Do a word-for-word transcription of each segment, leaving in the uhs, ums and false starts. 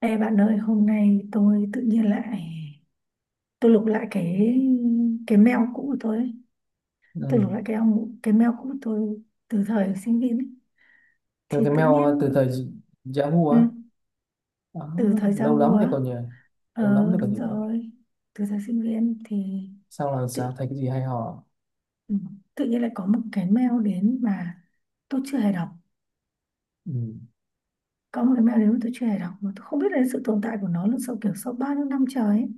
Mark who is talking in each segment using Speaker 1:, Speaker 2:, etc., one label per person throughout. Speaker 1: Ê bạn ơi, hôm nay tôi tự nhiên lại tôi lục lại cái cái mail cũ của tôi ấy. Tôi
Speaker 2: Ừ.
Speaker 1: lục lại cái ông cái mail cũ của tôi từ thời sinh viên ấy.
Speaker 2: Theo
Speaker 1: Thì
Speaker 2: cái
Speaker 1: tự
Speaker 2: mail ờ,
Speaker 1: nhiên
Speaker 2: từ thời Yahoo
Speaker 1: ừ,
Speaker 2: á. Đó,
Speaker 1: từ thời
Speaker 2: lâu
Speaker 1: Yahoo
Speaker 2: lắm thì
Speaker 1: á.
Speaker 2: còn nhỉ, lâu lắm
Speaker 1: Ờ
Speaker 2: thì còn
Speaker 1: đúng
Speaker 2: gì nữa?
Speaker 1: rồi. Từ thời sinh viên thì
Speaker 2: Sao là
Speaker 1: tự
Speaker 2: sao, thấy cái gì hay ho à?
Speaker 1: ừ, tự nhiên lại có một cái mail đến mà tôi chưa hề đọc.
Speaker 2: Ừ.
Speaker 1: Có một cái mail đến mà tôi chưa hề đọc mà tôi không biết đến sự tồn tại của nó là sau kiểu sau bao nhiêu năm trời ấy.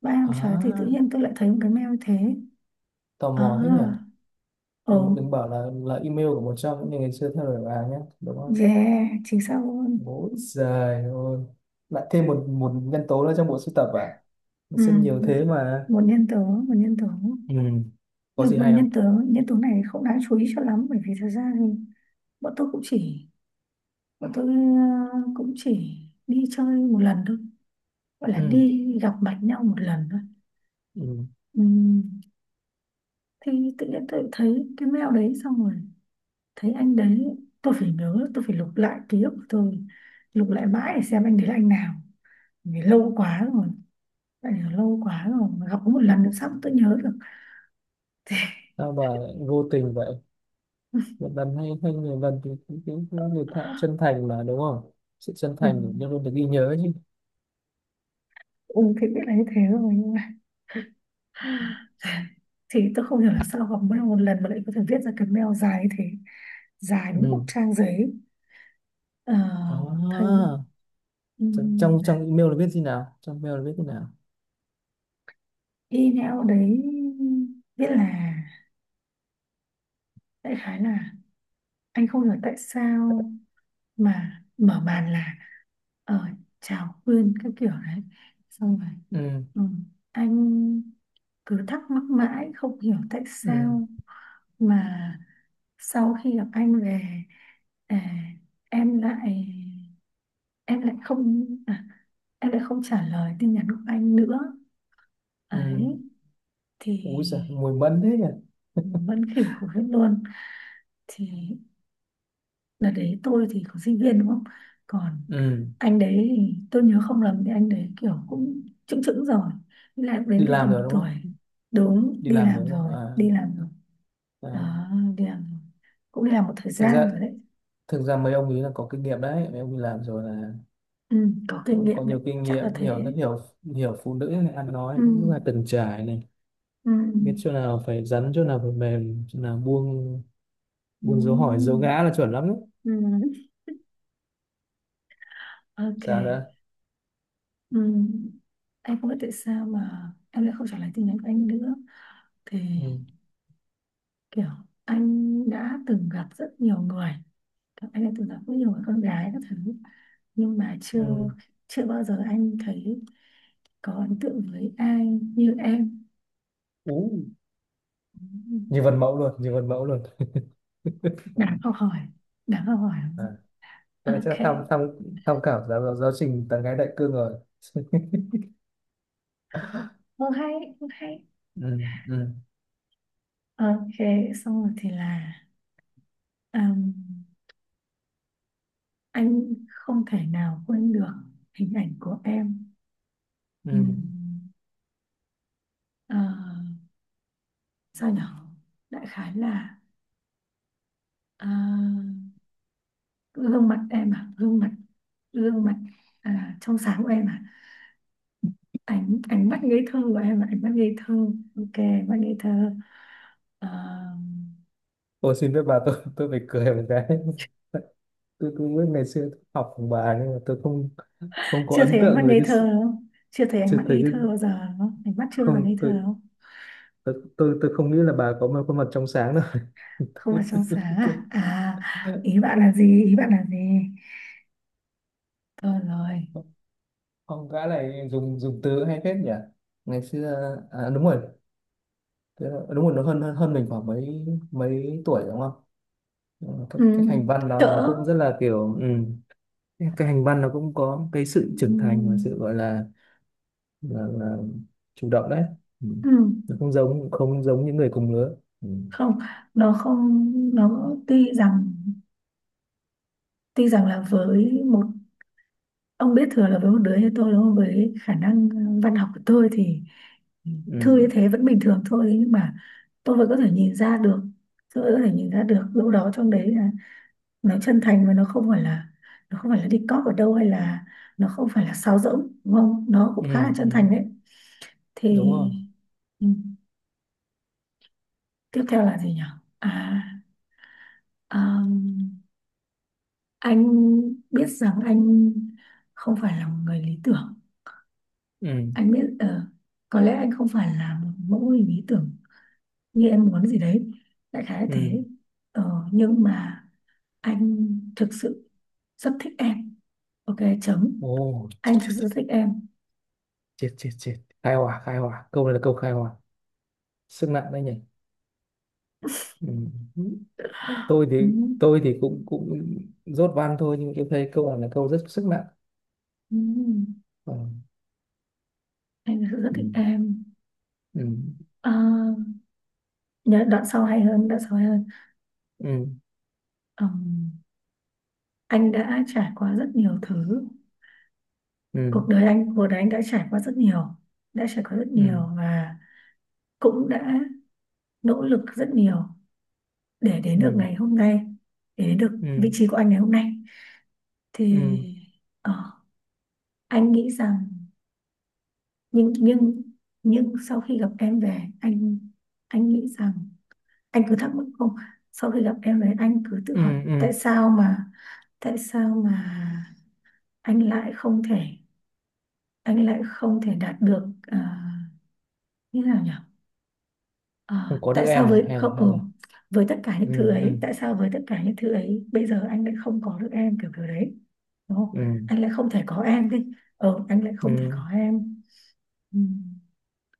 Speaker 1: Ba năm trời thì tự
Speaker 2: À,
Speaker 1: nhiên tôi lại thấy một cái mail như thế.
Speaker 2: tò
Speaker 1: À,
Speaker 2: mò thế nhỉ.
Speaker 1: ồ.
Speaker 2: Đừng, đừng bảo là là email của một trong những người ngày xưa theo đuổi bà nhé, đúng không?
Speaker 1: Yeah, chính xác luôn.
Speaker 2: Ôi giời ơi, lại thêm một một nhân tố nữa trong bộ sưu tập à, nó
Speaker 1: Ừ,
Speaker 2: sẽ nhiều
Speaker 1: một,
Speaker 2: thế mà.
Speaker 1: một nhân tố, một nhân tố.
Speaker 2: Ừ. Có
Speaker 1: Nhưng
Speaker 2: gì
Speaker 1: mà
Speaker 2: hay không?
Speaker 1: nhân tố, nhân tố này không đáng chú ý cho lắm, bởi vì thật ra thì bọn tôi cũng chỉ, bọn tôi ờ, cũng chỉ đi chơi một lần thôi. Gọi là
Speaker 2: Ừ.
Speaker 1: đi gặp mặt nhau một lần thôi.
Speaker 2: Ừ.
Speaker 1: Ừ, thì tự nhiên tôi thấy cái mail đấy xong rồi thấy anh đấy, tôi phải nhớ, tôi phải lục lại ký ức của tôi, lục lại mãi để xem anh đấy là anh nào, vì lâu quá rồi, tại vì lâu quá rồi mà gặp có một lần, nữa sao mà tôi nhớ được.
Speaker 2: Sao mà vô tình vậy. Việt Nam hay hay nhiều lần thì cái, cái, cái người thạ chân thành mà, đúng không? Sự chân
Speaker 1: Ừ,
Speaker 2: thành thì luôn luôn được ghi nhớ chứ.
Speaker 1: ừ, thì biết là như thế rồi nhưng mà thì tôi không hiểu là sao gặp mỗi lần một lần mà lại có thể viết ra cái mail dài như thế, dài đúng
Speaker 2: Ừ.
Speaker 1: một trang giấy. Ờ,
Speaker 2: À,
Speaker 1: thấy
Speaker 2: trong
Speaker 1: ừm,
Speaker 2: trong
Speaker 1: là
Speaker 2: trong email là viết gì nào, trong mail là viết thế nào?
Speaker 1: email đấy viết là, đại khái là, anh không hiểu tại sao, mà mở màn là ờ, chào Quyên các kiểu đấy, xong rồi.
Speaker 2: Ừ
Speaker 1: Ừ. Anh cứ thắc mắc mãi không hiểu tại
Speaker 2: ừ
Speaker 1: sao mà sau khi gặp anh về, à, em lại, em lại không à, em lại không trả lời tin nhắn của anh nữa
Speaker 2: ừ.
Speaker 1: ấy, thì
Speaker 2: Ui giời, mùi mẫn thế nhỉ.
Speaker 1: vẫn khỉu khủng hết luôn. Thì đợt đấy tôi thì có sinh viên đúng không, còn
Speaker 2: ừ.
Speaker 1: anh đấy thì tôi nhớ không lầm thì anh đấy kiểu cũng chững chững rồi, lại đến
Speaker 2: Đi
Speaker 1: cái
Speaker 2: làm
Speaker 1: tầm
Speaker 2: rồi đúng
Speaker 1: tuổi,
Speaker 2: không?
Speaker 1: đúng,
Speaker 2: Đi
Speaker 1: đi
Speaker 2: làm
Speaker 1: làm
Speaker 2: rồi đúng không?
Speaker 1: rồi,
Speaker 2: À,
Speaker 1: đi làm rồi,
Speaker 2: à.
Speaker 1: đó, đi làm rồi, cũng đi làm một thời
Speaker 2: Thực ra,
Speaker 1: gian rồi đấy.
Speaker 2: thực ra mấy ông ấy là có kinh nghiệm đấy, mấy ông đi làm rồi là
Speaker 1: Ừ, có kinh
Speaker 2: cũng có
Speaker 1: nghiệm đấy,
Speaker 2: nhiều kinh
Speaker 1: chắc là
Speaker 2: nghiệm. Hiểu, rất
Speaker 1: thế.
Speaker 2: hiểu, hiểu phụ nữ này, ăn nói
Speaker 1: Ừ,
Speaker 2: cũng là từng trải này,
Speaker 1: ừ,
Speaker 2: biết chỗ nào phải rắn, chỗ nào phải mềm, chỗ nào buông.
Speaker 1: ừ,
Speaker 2: Buôn dấu hỏi dấu ngã là chuẩn lắm đấy.
Speaker 1: ừ. Ok.
Speaker 2: Sao nữa?
Speaker 1: Ừ. Anh không biết tại sao mà em lại không trả lời tin nhắn của anh nữa, thì
Speaker 2: Ừ.
Speaker 1: kiểu, anh đã từng gặp rất nhiều người anh đã từng gặp rất nhiều người con gái các thứ, nhưng mà chưa,
Speaker 2: Ừ.
Speaker 1: chưa bao giờ anh thấy có ấn tượng với ai như em.
Speaker 2: Ú, như vần mẫu luôn, như vần mẫu luôn.
Speaker 1: Đáng học hỏi, đáng học hỏi.
Speaker 2: À. Cái này chắc là
Speaker 1: Ok.
Speaker 2: tham tham tham khảo giáo giáo trình tán gái đại cương rồi.
Speaker 1: Không hay, không hay.
Speaker 2: ừ, ừ.
Speaker 1: Ok, xong rồi thì là, um, anh không thể nào quên được hình ảnh của em.
Speaker 2: Ừ.
Speaker 1: Ừm, ờ, sao nhở, đại khái là, ờ, gương mặt em, à gương mặt gương mặt, à, trong sáng của em, à ánh, ánh mắt ngây thơ của em là ánh mắt ngây thơ. Ok, ánh mắt ngây thơ. Ờ,
Speaker 2: Tôi xin phép bà, tôi tôi phải cười một cái. Tôi cũng biết ngày xưa tôi học cùng bà nhưng mà tôi không, không có
Speaker 1: chưa
Speaker 2: ấn
Speaker 1: thấy ánh mắt
Speaker 2: tượng về
Speaker 1: ngây
Speaker 2: cái sự-.
Speaker 1: thơ đúng không, chưa thấy ánh
Speaker 2: Chưa
Speaker 1: mắt
Speaker 2: thấy
Speaker 1: ngây
Speaker 2: cái,
Speaker 1: thơ bao giờ đúng không, ánh mắt chưa bao giờ ngây
Speaker 2: không
Speaker 1: thơ đúng
Speaker 2: tôi,
Speaker 1: không.
Speaker 2: tôi tôi, tôi không nghĩ là bà có một khuôn mặt trong sáng đâu.
Speaker 1: Không phải trong sáng à? À, ý bạn là gì, ý bạn là gì, thôi rồi.
Speaker 2: Không, gã này dùng dùng từ hay phết nhỉ? Ngày xưa à, đúng rồi, thế là- đúng rồi nó hơn hơn hơn mình khoảng mấy mấy tuổi đúng không? Ừ, Cái,
Speaker 1: Ừ,
Speaker 2: cái hành văn đó
Speaker 1: cỡ.
Speaker 2: nó cũng rất là kiểu ừ. Cái hành văn nó cũng có cái sự trưởng thành và
Speaker 1: Ừ,
Speaker 2: sự gọi là, là, là chủ động đấy. Ừ.
Speaker 1: ừ,
Speaker 2: Nó không giống, không giống những người cùng lứa. Ừ.
Speaker 1: không, nó không, nó tuy rằng, tuy rằng là với một, ông biết thừa là với một đứa như tôi đúng không, với khả năng ờ, văn học của tôi thì thư
Speaker 2: Ừ.
Speaker 1: như thế vẫn bình thường thôi, nhưng mà tôi vẫn có thể nhìn ra được, tôi vẫn có thể nhìn ra được đâu đó trong đấy là nó chân thành, và nó không phải là, nó không phải là đi cóp ở đâu hay là, nó không phải là sáo rỗng đúng không, nó
Speaker 2: Ừ.
Speaker 1: cũng khá là
Speaker 2: ừ.
Speaker 1: chân thành đấy. Thì
Speaker 2: Đúng rồi.
Speaker 1: ừ, tiếp theo là gì nhỉ, à, um, anh biết rằng anh không phải là một người lý tưởng.
Speaker 2: Ừ.
Speaker 1: Anh biết ờ, có lẽ anh không phải là một mẫu hình lý tưởng như em muốn gì đấy, đại khái là
Speaker 2: Ừ.
Speaker 1: thế. Ờ, nhưng mà anh thực sự rất thích em. Ok, chấm.
Speaker 2: Ồ, chết
Speaker 1: Anh
Speaker 2: chết
Speaker 1: thực
Speaker 2: chết.
Speaker 1: sự thích em.
Speaker 2: Chết chết. Chết. Khai hỏa, khai hỏa. Câu này là câu khai hỏa. Sức nặng đấy nhỉ? Ừ. Tôi thì,
Speaker 1: Ừ,
Speaker 2: tôi thì cũng cũng dốt văn thôi, nhưng tôi thấy câu này là câu rất sức nặng.
Speaker 1: ừ,
Speaker 2: Ờ.
Speaker 1: anh thực sự rất thích
Speaker 2: ừ
Speaker 1: em.
Speaker 2: ừ
Speaker 1: À, nhớ đoạn sau hay hơn, đoạn sau hay hơn.
Speaker 2: ừ
Speaker 1: Ừm, anh đã trải qua rất nhiều thứ,
Speaker 2: ừ
Speaker 1: cuộc đời anh, cuộc đời anh đã trải qua rất nhiều, đã trải qua rất
Speaker 2: ừ
Speaker 1: nhiều, và cũng đã nỗ lực rất nhiều để đến được
Speaker 2: ừ
Speaker 1: ngày hôm nay, để đến được
Speaker 2: ừ
Speaker 1: vị trí của anh ngày hôm nay, thì
Speaker 2: ừ
Speaker 1: ờ, anh nghĩ rằng, nhưng nhưng nhưng sau khi gặp em về anh anh nghĩ rằng, anh cứ thắc mắc không, sau khi gặp em về anh cứ tự
Speaker 2: ừ
Speaker 1: hỏi
Speaker 2: ừ.
Speaker 1: tại sao mà, tại sao mà anh lại không thể, anh lại không thể đạt được, à, như thế nào nhỉ.
Speaker 2: Không
Speaker 1: À,
Speaker 2: có được
Speaker 1: tại sao
Speaker 2: em
Speaker 1: với
Speaker 2: hay là
Speaker 1: không
Speaker 2: hay
Speaker 1: ừ,
Speaker 2: là.
Speaker 1: với tất cả
Speaker 2: Ừ
Speaker 1: những thứ
Speaker 2: ừ
Speaker 1: ấy, tại sao với tất cả những thứ ấy bây giờ anh lại không có được em, kiểu kiểu đấy, đúng không?
Speaker 2: ừ
Speaker 1: Anh lại không thể có em đi. Ờ, anh lại
Speaker 2: ừ.
Speaker 1: không thể có em. Ừ.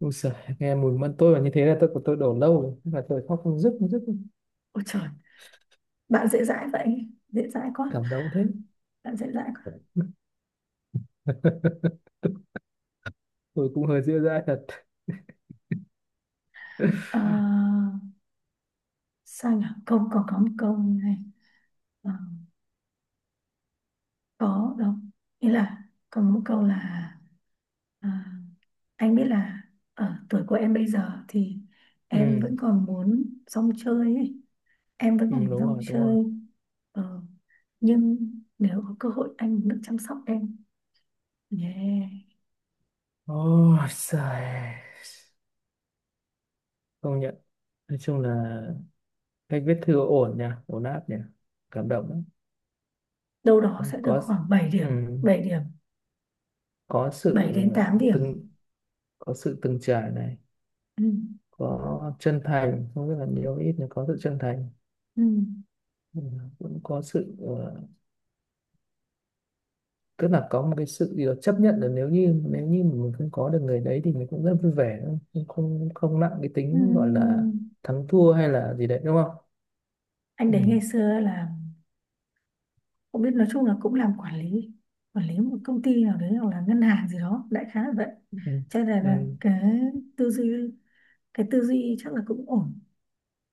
Speaker 2: Ui giời, nghe mùi mẫn tôi mà như thế là tôi của tôi đổ lâu rồi. Thế là tôi khóc không dứt, không dứt.
Speaker 1: Ôi trời, bạn dễ dãi vậy. Dễ dãi quá.
Speaker 2: Cảm động thế.
Speaker 1: Bạn dễ dãi quá.
Speaker 2: Tôi cũng hơi dịu dãi thật.
Speaker 1: Ờ, sao nhỉ? Câu còn có một câu như này. Ờ, có đâu. Nghĩa là còn một câu là, ờ, anh biết là ở tuổi của em bây giờ thì em
Speaker 2: Ừ
Speaker 1: vẫn còn muốn rong chơi ấy. Em vẫn
Speaker 2: ừ
Speaker 1: còn muốn
Speaker 2: đúng
Speaker 1: rong
Speaker 2: rồi đúng rồi.
Speaker 1: chơi. Ờ, nhưng nếu có cơ hội anh muốn được chăm sóc em. Yeah.
Speaker 2: Ôi giời, công nhận, nói chung là cách viết thư ổn nha, ổn áp nha, cảm động lắm.
Speaker 1: Đâu đó
Speaker 2: Có
Speaker 1: sẽ được
Speaker 2: có,
Speaker 1: khoảng bảy điểm.
Speaker 2: ừm,
Speaker 1: Bảy điểm,
Speaker 2: có
Speaker 1: bảy
Speaker 2: sự
Speaker 1: đến
Speaker 2: ờ,
Speaker 1: tám điểm.
Speaker 2: từng có sự từng trải này,
Speaker 1: Ừ.
Speaker 2: có chân thành, không biết là nhiều ít nhưng có sự chân thành.
Speaker 1: Ừ.
Speaker 2: Ừm, cũng có sự ờ, tức là có một cái sự gì đó chấp nhận là nếu như nếu như mình không có được người đấy thì mình cũng rất vui vẻ, không, không không nặng cái
Speaker 1: Ừ.
Speaker 2: tính gọi là thắng thua hay là gì đấy đúng không?
Speaker 1: Anh đấy ngày
Speaker 2: Ừm,
Speaker 1: xưa là cũng biết, nói chung là cũng làm quản lý, quản lý một công ty nào đấy hoặc là ngân hàng gì đó, đại khái là vậy,
Speaker 2: ừm,
Speaker 1: cho nên là
Speaker 2: ừm,
Speaker 1: cái tư duy, cái tư duy chắc là cũng ổn,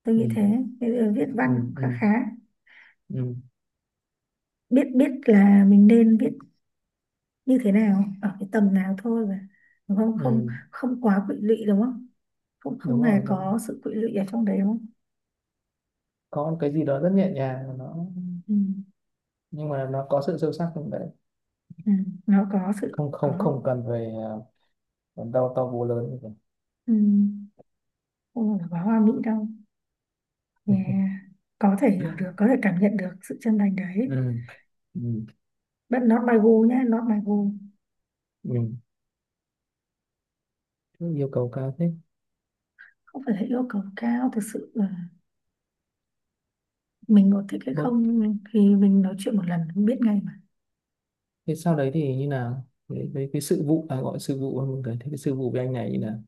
Speaker 1: tôi nghĩ
Speaker 2: ừm,
Speaker 1: thế. Cái viết văn cũng khá
Speaker 2: ừm,
Speaker 1: khá,
Speaker 2: ừm,
Speaker 1: biết, biết là mình nên viết như thế nào ở cái tầm nào thôi mà, đúng không, không
Speaker 2: ừm.
Speaker 1: không quá quỵ lụy đúng không, không
Speaker 2: Đúng
Speaker 1: không
Speaker 2: rồi,
Speaker 1: hề
Speaker 2: đúng rồi.
Speaker 1: có sự quỵ lụy ở trong đấy đúng không.
Speaker 2: Có một cái gì đó rất nhẹ nhàng, nó
Speaker 1: Ừ.
Speaker 2: nhưng mà nó có sự sâu sắc không đấy,
Speaker 1: Ừ, nó có sự
Speaker 2: không không
Speaker 1: có,
Speaker 2: không cần về à, đau to búa lớn như vậy.
Speaker 1: ừ, không phải là quá hoa mỹ đâu. Yeah. Có thể hiểu được, có thể cảm nhận được sự chân thành đấy.
Speaker 2: ừ. Ừ.
Speaker 1: But not my goal nhá, not my goal.
Speaker 2: Ừ. Yêu cầu cao thế.
Speaker 1: Không phải là yêu cầu cao, thực sự là mình có thích hay
Speaker 2: Vâng.
Speaker 1: không thì mình nói chuyện một lần cũng biết ngay mà.
Speaker 2: Thế sau đấy thì như nào với, với cái sự vụ à, gọi sự vụ hơn một cái, thế cái sự vụ với anh này như nào,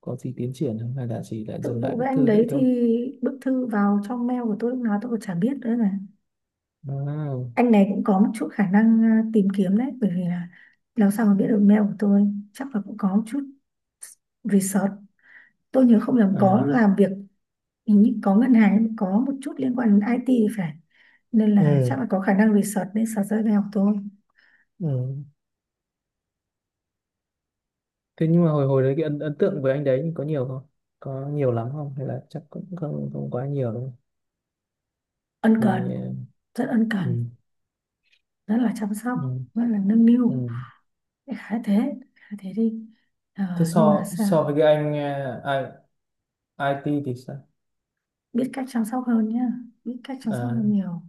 Speaker 2: có gì tiến triển không hay là chỉ lại
Speaker 1: Tự
Speaker 2: dừng lại
Speaker 1: vụ
Speaker 2: bức
Speaker 1: với anh
Speaker 2: thư đấy
Speaker 1: đấy thì,
Speaker 2: thôi?
Speaker 1: bức thư vào trong mail của tôi lúc nào tôi còn chả biết nữa mà.
Speaker 2: À,
Speaker 1: Anh này cũng có một chút khả năng à, tìm kiếm đấy, bởi vì là làm sao mà biết được mail của tôi, chắc là cũng có một chút research. Tôi nhớ không nhầm có
Speaker 2: à.
Speaker 1: làm việc, hình như có ngân hàng, có một chút liên quan đến i tê thì phải, nên là
Speaker 2: Ừ.
Speaker 1: chắc là có khả năng research nên search ra về học thôi.
Speaker 2: Ừ. Thế nhưng mà hồi hồi đấy cái ấn, ấn, tượng với anh đấy thì có nhiều không, có nhiều lắm không hay là chắc cũng không không quá nhiều đâu?
Speaker 1: Ân
Speaker 2: Thì
Speaker 1: cần,
Speaker 2: à,
Speaker 1: rất ân
Speaker 2: ừ.
Speaker 1: cần, rất là chăm sóc,
Speaker 2: Ừ.
Speaker 1: rất là nâng niu.
Speaker 2: Ừ.
Speaker 1: Đại khái thế, khái thế đi. Ờ,
Speaker 2: Thế
Speaker 1: nhưng mà
Speaker 2: so
Speaker 1: sao,
Speaker 2: so với cái anh ờ, I, IT thì sao?
Speaker 1: biết cách chăm sóc hơn nhá, biết cách chăm sóc
Speaker 2: À,
Speaker 1: hơn nhiều.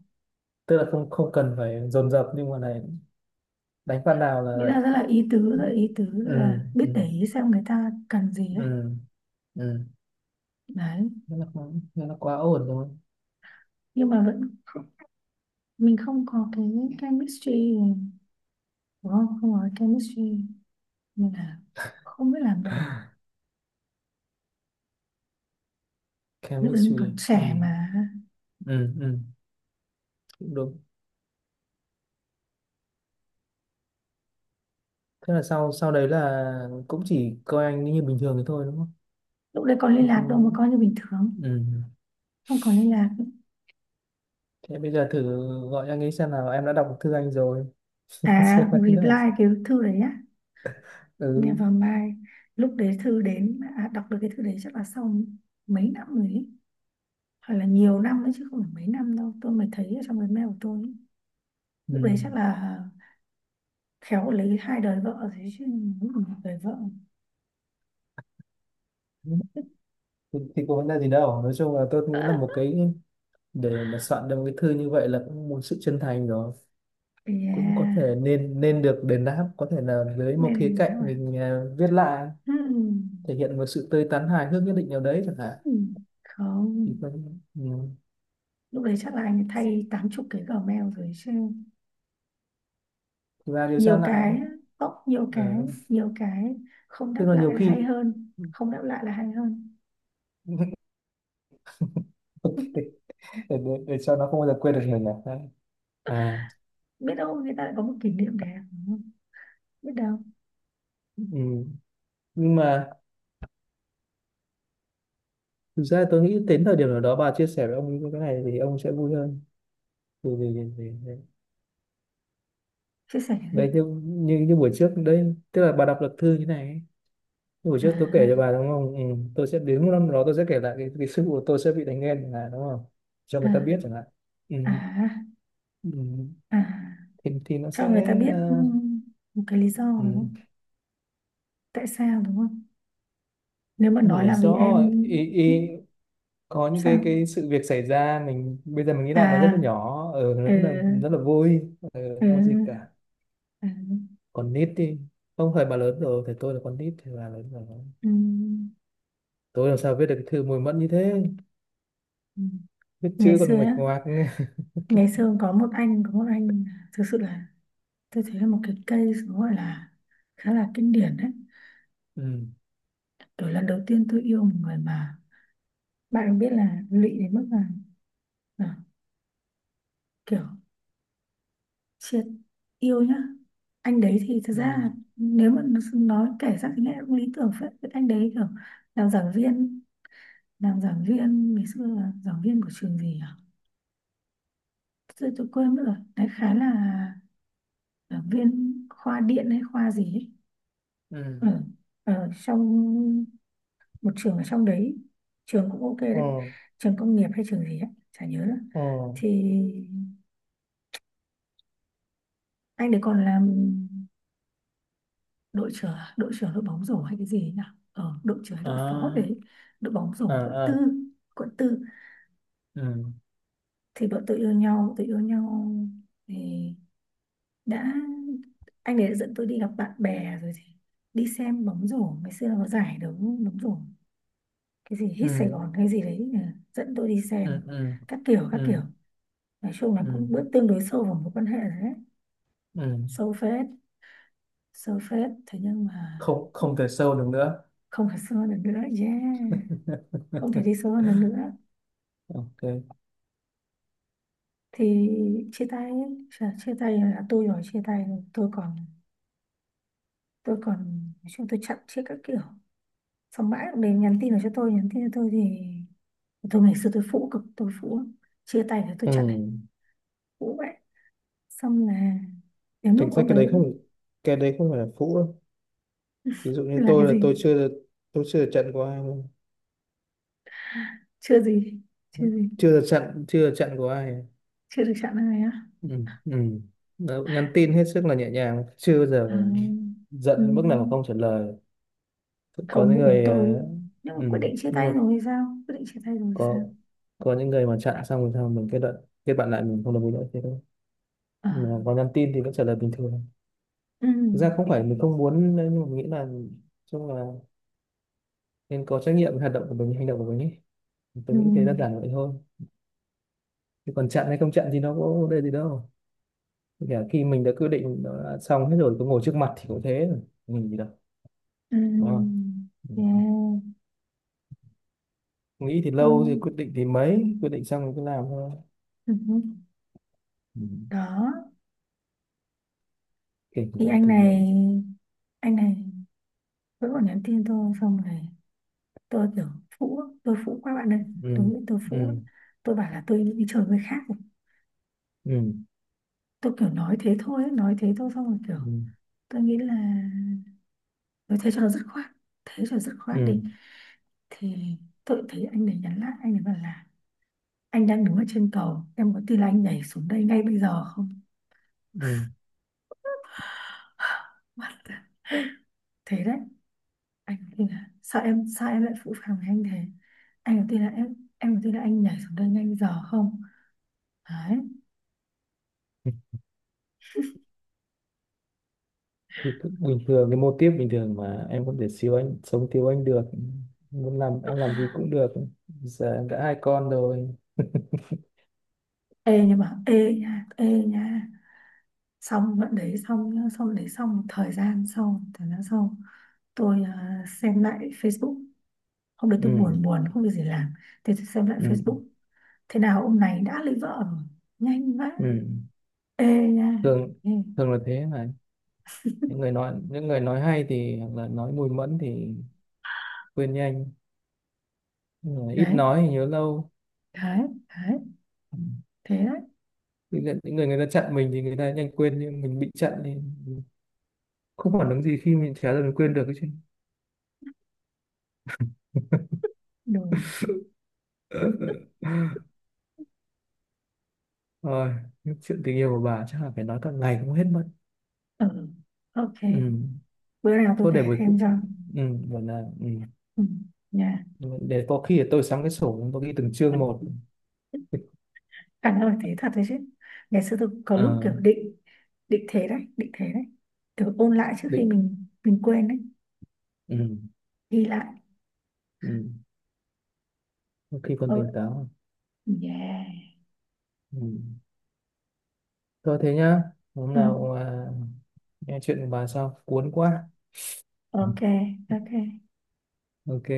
Speaker 2: tức là không không cần phải dồn dập nhưng mà này, đánh phát nào
Speaker 1: Nghĩa
Speaker 2: là.
Speaker 1: là rất là ý tứ, rất là ý tứ, rất
Speaker 2: Ừ
Speaker 1: là
Speaker 2: ừ
Speaker 1: biết để ý xem người ta cần gì ấy,
Speaker 2: ừ ừ.
Speaker 1: đấy.
Speaker 2: Thế là quá, thế là quá ổn rồi.
Speaker 1: Nhưng mà vẫn, mình không có cái chemistry đúng không, không có cái chemistry, nên là không biết làm nào. Lúc đấy mình
Speaker 2: Chemistry à?
Speaker 1: còn
Speaker 2: Ừ
Speaker 1: trẻ mà.
Speaker 2: ừ ừ. Cũng đúng. Thế là sau sau đấy là cũng chỉ coi anh như bình thường thì thôi đúng không?
Speaker 1: Lúc đấy còn liên lạc đâu mà
Speaker 2: Không.
Speaker 1: coi như bình thường,
Speaker 2: ừ.
Speaker 1: không còn liên lạc.
Speaker 2: Thế bây giờ thử gọi anh ấy xem nào, em đã đọc thư anh rồi.
Speaker 1: À
Speaker 2: Xem anh là.
Speaker 1: reply, cái thư đấy á, mẹ
Speaker 2: Ừ
Speaker 1: vào mai, lúc đấy thư đến à, đọc được cái thư đấy chắc là sau mấy năm rồi ấy, hoặc là nhiều năm nữa chứ không phải mấy năm đâu tôi mới thấy ở trong cái mail của tôi ấy.
Speaker 2: ừ.
Speaker 1: Lúc đấy chắc là khéo lấy hai đời vợ rồi chứ. Đúng là một đời vợ.
Speaker 2: Thì, thì có vấn đề gì đâu, nói chung là tôi nghĩ là một cái, để mà soạn được một cái thư như vậy là cũng một sự chân thành rồi, cũng có
Speaker 1: Yeah.
Speaker 2: thể nên nên được đền đáp có thể là dưới
Speaker 1: Đây
Speaker 2: một
Speaker 1: là
Speaker 2: khía
Speaker 1: nào
Speaker 2: cạnh
Speaker 1: à,
Speaker 2: mình à, viết lại, thể hiện một sự tươi tắn hài hước nhất định nào đấy chẳng hạn,
Speaker 1: không,
Speaker 2: thì phân ừ.
Speaker 1: lúc đấy chắc là anh thay tám chục cái Gmail rồi chứ,
Speaker 2: Và điều tra
Speaker 1: nhiều
Speaker 2: lại.
Speaker 1: cái, ốc nhiều cái,
Speaker 2: Ờ,
Speaker 1: nhiều cái. Không
Speaker 2: tức
Speaker 1: đáp
Speaker 2: là
Speaker 1: lại
Speaker 2: nhiều
Speaker 1: là
Speaker 2: khi.
Speaker 1: hay hơn, không đáp lại là hay hơn.
Speaker 2: Ok, để, để, để cho nó không bao giờ quên được mình à. Đấy. À,
Speaker 1: Biết đâu người ta lại có một kỷ niệm đẹp đúng không? Biết đâu.
Speaker 2: ừ. Nhưng mà thực ra tôi nghĩ đến thời điểm nào đó bà chia sẻ với ông cái này thì ông sẽ vui hơn. Vì, vì, vì, Vì
Speaker 1: Chia sẻ cái gì?
Speaker 2: đấy như, như như buổi trước đấy tức là bà đọc luật thư như này ấy. Như buổi
Speaker 1: À,
Speaker 2: trước tôi kể cho bà đúng không, ừ, tôi sẽ đến một năm đó tôi sẽ kể lại cái, cái sự của tôi sẽ bị đánh ghen chẳng hạn đúng không, cho người ta biết chẳng hạn. Ừ,
Speaker 1: à, à,
Speaker 2: ừ.
Speaker 1: à,
Speaker 2: thì thì nó
Speaker 1: cho
Speaker 2: sẽ
Speaker 1: người ta biết
Speaker 2: ờ,
Speaker 1: ừm, một cái lý do
Speaker 2: ừ.
Speaker 1: đúng không, tại sao đúng không, nếu mà
Speaker 2: Một
Speaker 1: nói
Speaker 2: lý
Speaker 1: là vì
Speaker 2: do
Speaker 1: em.
Speaker 2: ý, ý,
Speaker 1: Ừm,
Speaker 2: có những cái
Speaker 1: sao
Speaker 2: cái sự việc xảy ra mình bây giờ mình nghĩ lại nó rất
Speaker 1: à,
Speaker 2: là nhỏ ừ, nó rất
Speaker 1: ừ,
Speaker 2: là rất là vui ừ,
Speaker 1: ừ,
Speaker 2: không có gì cả.
Speaker 1: ừ,
Speaker 2: Còn nít đi. Không phải bà lớn rồi thì tôi là con nít thì bà lớn rồi,
Speaker 1: ừm,
Speaker 2: tôi làm sao viết được cái thư mùi mẫn như thế.
Speaker 1: ừm.
Speaker 2: Viết
Speaker 1: Ngày
Speaker 2: chữ còn
Speaker 1: xưa
Speaker 2: nguệch
Speaker 1: á,
Speaker 2: ngoạc.
Speaker 1: ngày xưa có một anh, có một anh thực sự là tôi thấy là một cái case nó gọi là khá là kinh điển đấy.
Speaker 2: ừ
Speaker 1: Kiểu lần đầu tiên tôi yêu một người mà bạn cũng biết là lụy đến mức là, là kiểu triệt yêu nhá. Anh đấy thì thật ra
Speaker 2: ừ
Speaker 1: là nếu mà nó- nói kể ra thì nghe cũng lý tưởng phết. Cái anh đấy kiểu làm giảng viên, làm giảng viên ngày xưa là giảng viên của trường gì à, tôi, tôi quên mất rồi đấy, khá là giảng viên khoa điện hay khoa gì ấy.
Speaker 2: ừ
Speaker 1: Ở ở trong một trường ở trong đấy, trường cũng ok
Speaker 2: ồ
Speaker 1: đấy, trường công nghiệp hay trường gì ấy chả nhớ nữa.
Speaker 2: ồ
Speaker 1: Thì anh đấy còn làm đội trưởng, đội trưởng đội bóng rổ hay cái gì ấy nhỉ, ờ, đội trưởng hay đội phó
Speaker 2: à
Speaker 1: đấy, đội bóng rổ
Speaker 2: à
Speaker 1: quận tư,
Speaker 2: à
Speaker 1: quận tư.
Speaker 2: ừ
Speaker 1: Thì bọn tôi yêu nhau, tôi yêu nhau thì đã anh ấy đã dẫn tôi đi gặp bạn bè rồi, thì đi xem bóng rổ. Ngày xưa nó có giải đấu bóng rổ cái gì hít Sài
Speaker 2: ừ
Speaker 1: Gòn hay gì đấy, ờ, dẫn tôi đi
Speaker 2: ừ
Speaker 1: xem
Speaker 2: ừ
Speaker 1: các kiểu, các kiểu
Speaker 2: ừ
Speaker 1: nói chung là
Speaker 2: ừ
Speaker 1: cũng bước tương đối sâu vào mối quan hệ rồi đấy,
Speaker 2: ừ.
Speaker 1: sâu phết, sâu phết. Thế nhưng mà
Speaker 2: Không, không
Speaker 1: cũng
Speaker 2: thể sâu được nữa.
Speaker 1: không thể sâu hơn được nữa, yeah, không thể đi sâu hơn được nữa.
Speaker 2: Ok.
Speaker 1: Thì chia tay. Chà, chia tay là tôi rồi chia tay rồi. tôi còn tôi còn, nói chung tôi chặn chết các kiểu, xong mãi cũng đến nhắn tin là cho tôi, nhắn tin cho tôi thì tôi ngày xưa tôi phũ cực, tôi phũ lắm. Chia tay là tôi
Speaker 2: Ừ.
Speaker 1: chặn này, phũ vậy. Xong là đến
Speaker 2: Thực
Speaker 1: lúc
Speaker 2: ra
Speaker 1: ông
Speaker 2: cái
Speaker 1: đấy
Speaker 2: đấy không
Speaker 1: vẫn
Speaker 2: cái đấy không phải là phũ đâu. Ví dụ như
Speaker 1: là cái
Speaker 2: tôi là
Speaker 1: gì,
Speaker 2: tôi chưa được tôi chưa được trận của ai luôn.
Speaker 1: chưa gì, chưa gì
Speaker 2: Chưa được trận, chưa được trận của ai.
Speaker 1: chưa được chặn này á.
Speaker 2: Ừ. Ừ. Đó, nhắn tin hết sức là nhẹ nhàng, chưa bao
Speaker 1: À,
Speaker 2: giờ
Speaker 1: ừ.
Speaker 2: giận mức nào mà không trả lời. Có
Speaker 1: Không,
Speaker 2: những
Speaker 1: lúc đấy
Speaker 2: người
Speaker 1: tôi,
Speaker 2: ờ,
Speaker 1: nhưng mà
Speaker 2: ừ,
Speaker 1: quyết định chia
Speaker 2: nhưng
Speaker 1: tay
Speaker 2: mà
Speaker 1: rồi thì sao? Quyết định chia tay rồi thì
Speaker 2: có
Speaker 1: sao?
Speaker 2: có những người mà chặn xong rồi sao mình kết luận kết bạn lại mình không đồng ý nữa thế thôi,
Speaker 1: À.
Speaker 2: mà có nhắn tin thì vẫn trả lời bình thường.
Speaker 1: Ừ.
Speaker 2: Thực ra không phải mình không muốn đấy, nhưng mà mình nghĩ là chung là nên có trách nhiệm với hoạt động của mình, hành động của mình ấy,
Speaker 1: Ừ.
Speaker 2: tôi nghĩ thế, đơn giản vậy thôi. Chứ còn chặn hay không chặn thì nó có vấn đề gì đâu. Kể cả khi mình đã quyết định, nó đã xong hết rồi, cứ ngồi trước mặt thì cũng thế rồi, mình gì đâu,
Speaker 1: Ừ.
Speaker 2: đúng không? Ừ.
Speaker 1: Yeah.
Speaker 2: Nghĩ thì lâu thì
Speaker 1: Tôi,
Speaker 2: quyết định, thì mấy quyết định xong rồi cứ làm thôi.
Speaker 1: ừ.
Speaker 2: Ừ.
Speaker 1: Đó
Speaker 2: Kể cả
Speaker 1: thì
Speaker 2: là
Speaker 1: anh
Speaker 2: thử nghiệm.
Speaker 1: này, anh này vẫn còn nhắn tin tôi xong rồi tôi kiểu phũ, tôi phũ quá bạn ơi,
Speaker 2: Ừ.
Speaker 1: đúng là tôi phũ.
Speaker 2: ừ.
Speaker 1: Tôi bảo là tôi đi chơi với khác rồi.
Speaker 2: ừ
Speaker 1: Tôi kiểu nói thế thôi ấy, nói thế thôi xong rồi kiểu
Speaker 2: ừ
Speaker 1: tôi nghĩ là tôi thế cho nó dứt khoát, thế cho dứt khoát
Speaker 2: ừ
Speaker 1: đi. Thì tôi thấy anh này nhắn lại, anh ấy bảo là anh đang đứng ở trên cầu, em có tin là anh nhảy xuống đây ngay bây giờ không. What the... thế đấy. Anh có tin là, sao em, sao em lại phụ phàng với anh thế, anh có tin là em em có tin là anh nhảy xuống đây ngay bây giờ không. Đấy.
Speaker 2: ừ. Thì cứ bình thường, cái mô típ bình thường mà em có thể siêu anh sống thiếu anh được, muốn làm em làm gì cũng được, giờ em đã hai con rồi.
Speaker 1: Ê nhưng mà ê nha, ê nha, xong đoạn đấy xong nhá, xong đấy xong một thời gian sau, một thời gian sau tôi à, xem lại Facebook. Hôm đấy
Speaker 2: ừ
Speaker 1: tôi buồn buồn không được gì làm, thế tôi xem lại
Speaker 2: ừ
Speaker 1: Facebook, thế nào ông này đã lấy vợ rồi, nhanh vãi.
Speaker 2: ừ.
Speaker 1: Ê nha,
Speaker 2: Thường,
Speaker 1: ê.
Speaker 2: thường là thế mà, những người nói những người nói hay thì hoặc là nói mùi mẫn thì quên nhanh. Nhưng mà ít
Speaker 1: Đấy,
Speaker 2: nói thì nhớ lâu.
Speaker 1: đấy, đấy, thế đấy.
Speaker 2: những người, những người người ta chặn mình thì người ta nhanh quên, nhưng mình bị chặn thì không phản ứng gì khi mình trả lời mình quên được cái chuyện.
Speaker 1: Đồ,
Speaker 2: Rồi, những chuyện tình yêu của bà chắc là phải nói cả ngày cũng hết mất.
Speaker 1: ừ, ok.
Speaker 2: Ừ.
Speaker 1: Bữa nào tôi
Speaker 2: Thôi
Speaker 1: kể
Speaker 2: để buổi
Speaker 1: thêm
Speaker 2: cu-
Speaker 1: cho,
Speaker 2: ừ, gọi là ừ.
Speaker 1: ừ, nha.
Speaker 2: Để có khi để tôi sắm cái sổ tôi ghi từng chương một.
Speaker 1: Anh ơi thế thật đấy chứ, ngày xưa tôi có lúc
Speaker 2: Ờ,
Speaker 1: kiểu định, định thế đấy, định thế đấy kiểu ôn lại trước khi
Speaker 2: định
Speaker 1: mình mình quên đấy,
Speaker 2: ừ.
Speaker 1: ghi lại.
Speaker 2: Ừ. Có khi còn tỉnh
Speaker 1: Ừ,
Speaker 2: táo.
Speaker 1: yeah,
Speaker 2: Ừ. Thôi thế nhá. Hôm
Speaker 1: ừ,
Speaker 2: nào à, nghe chuyện của bà sao? Cuốn quá.
Speaker 1: ok, ok.
Speaker 2: Ok.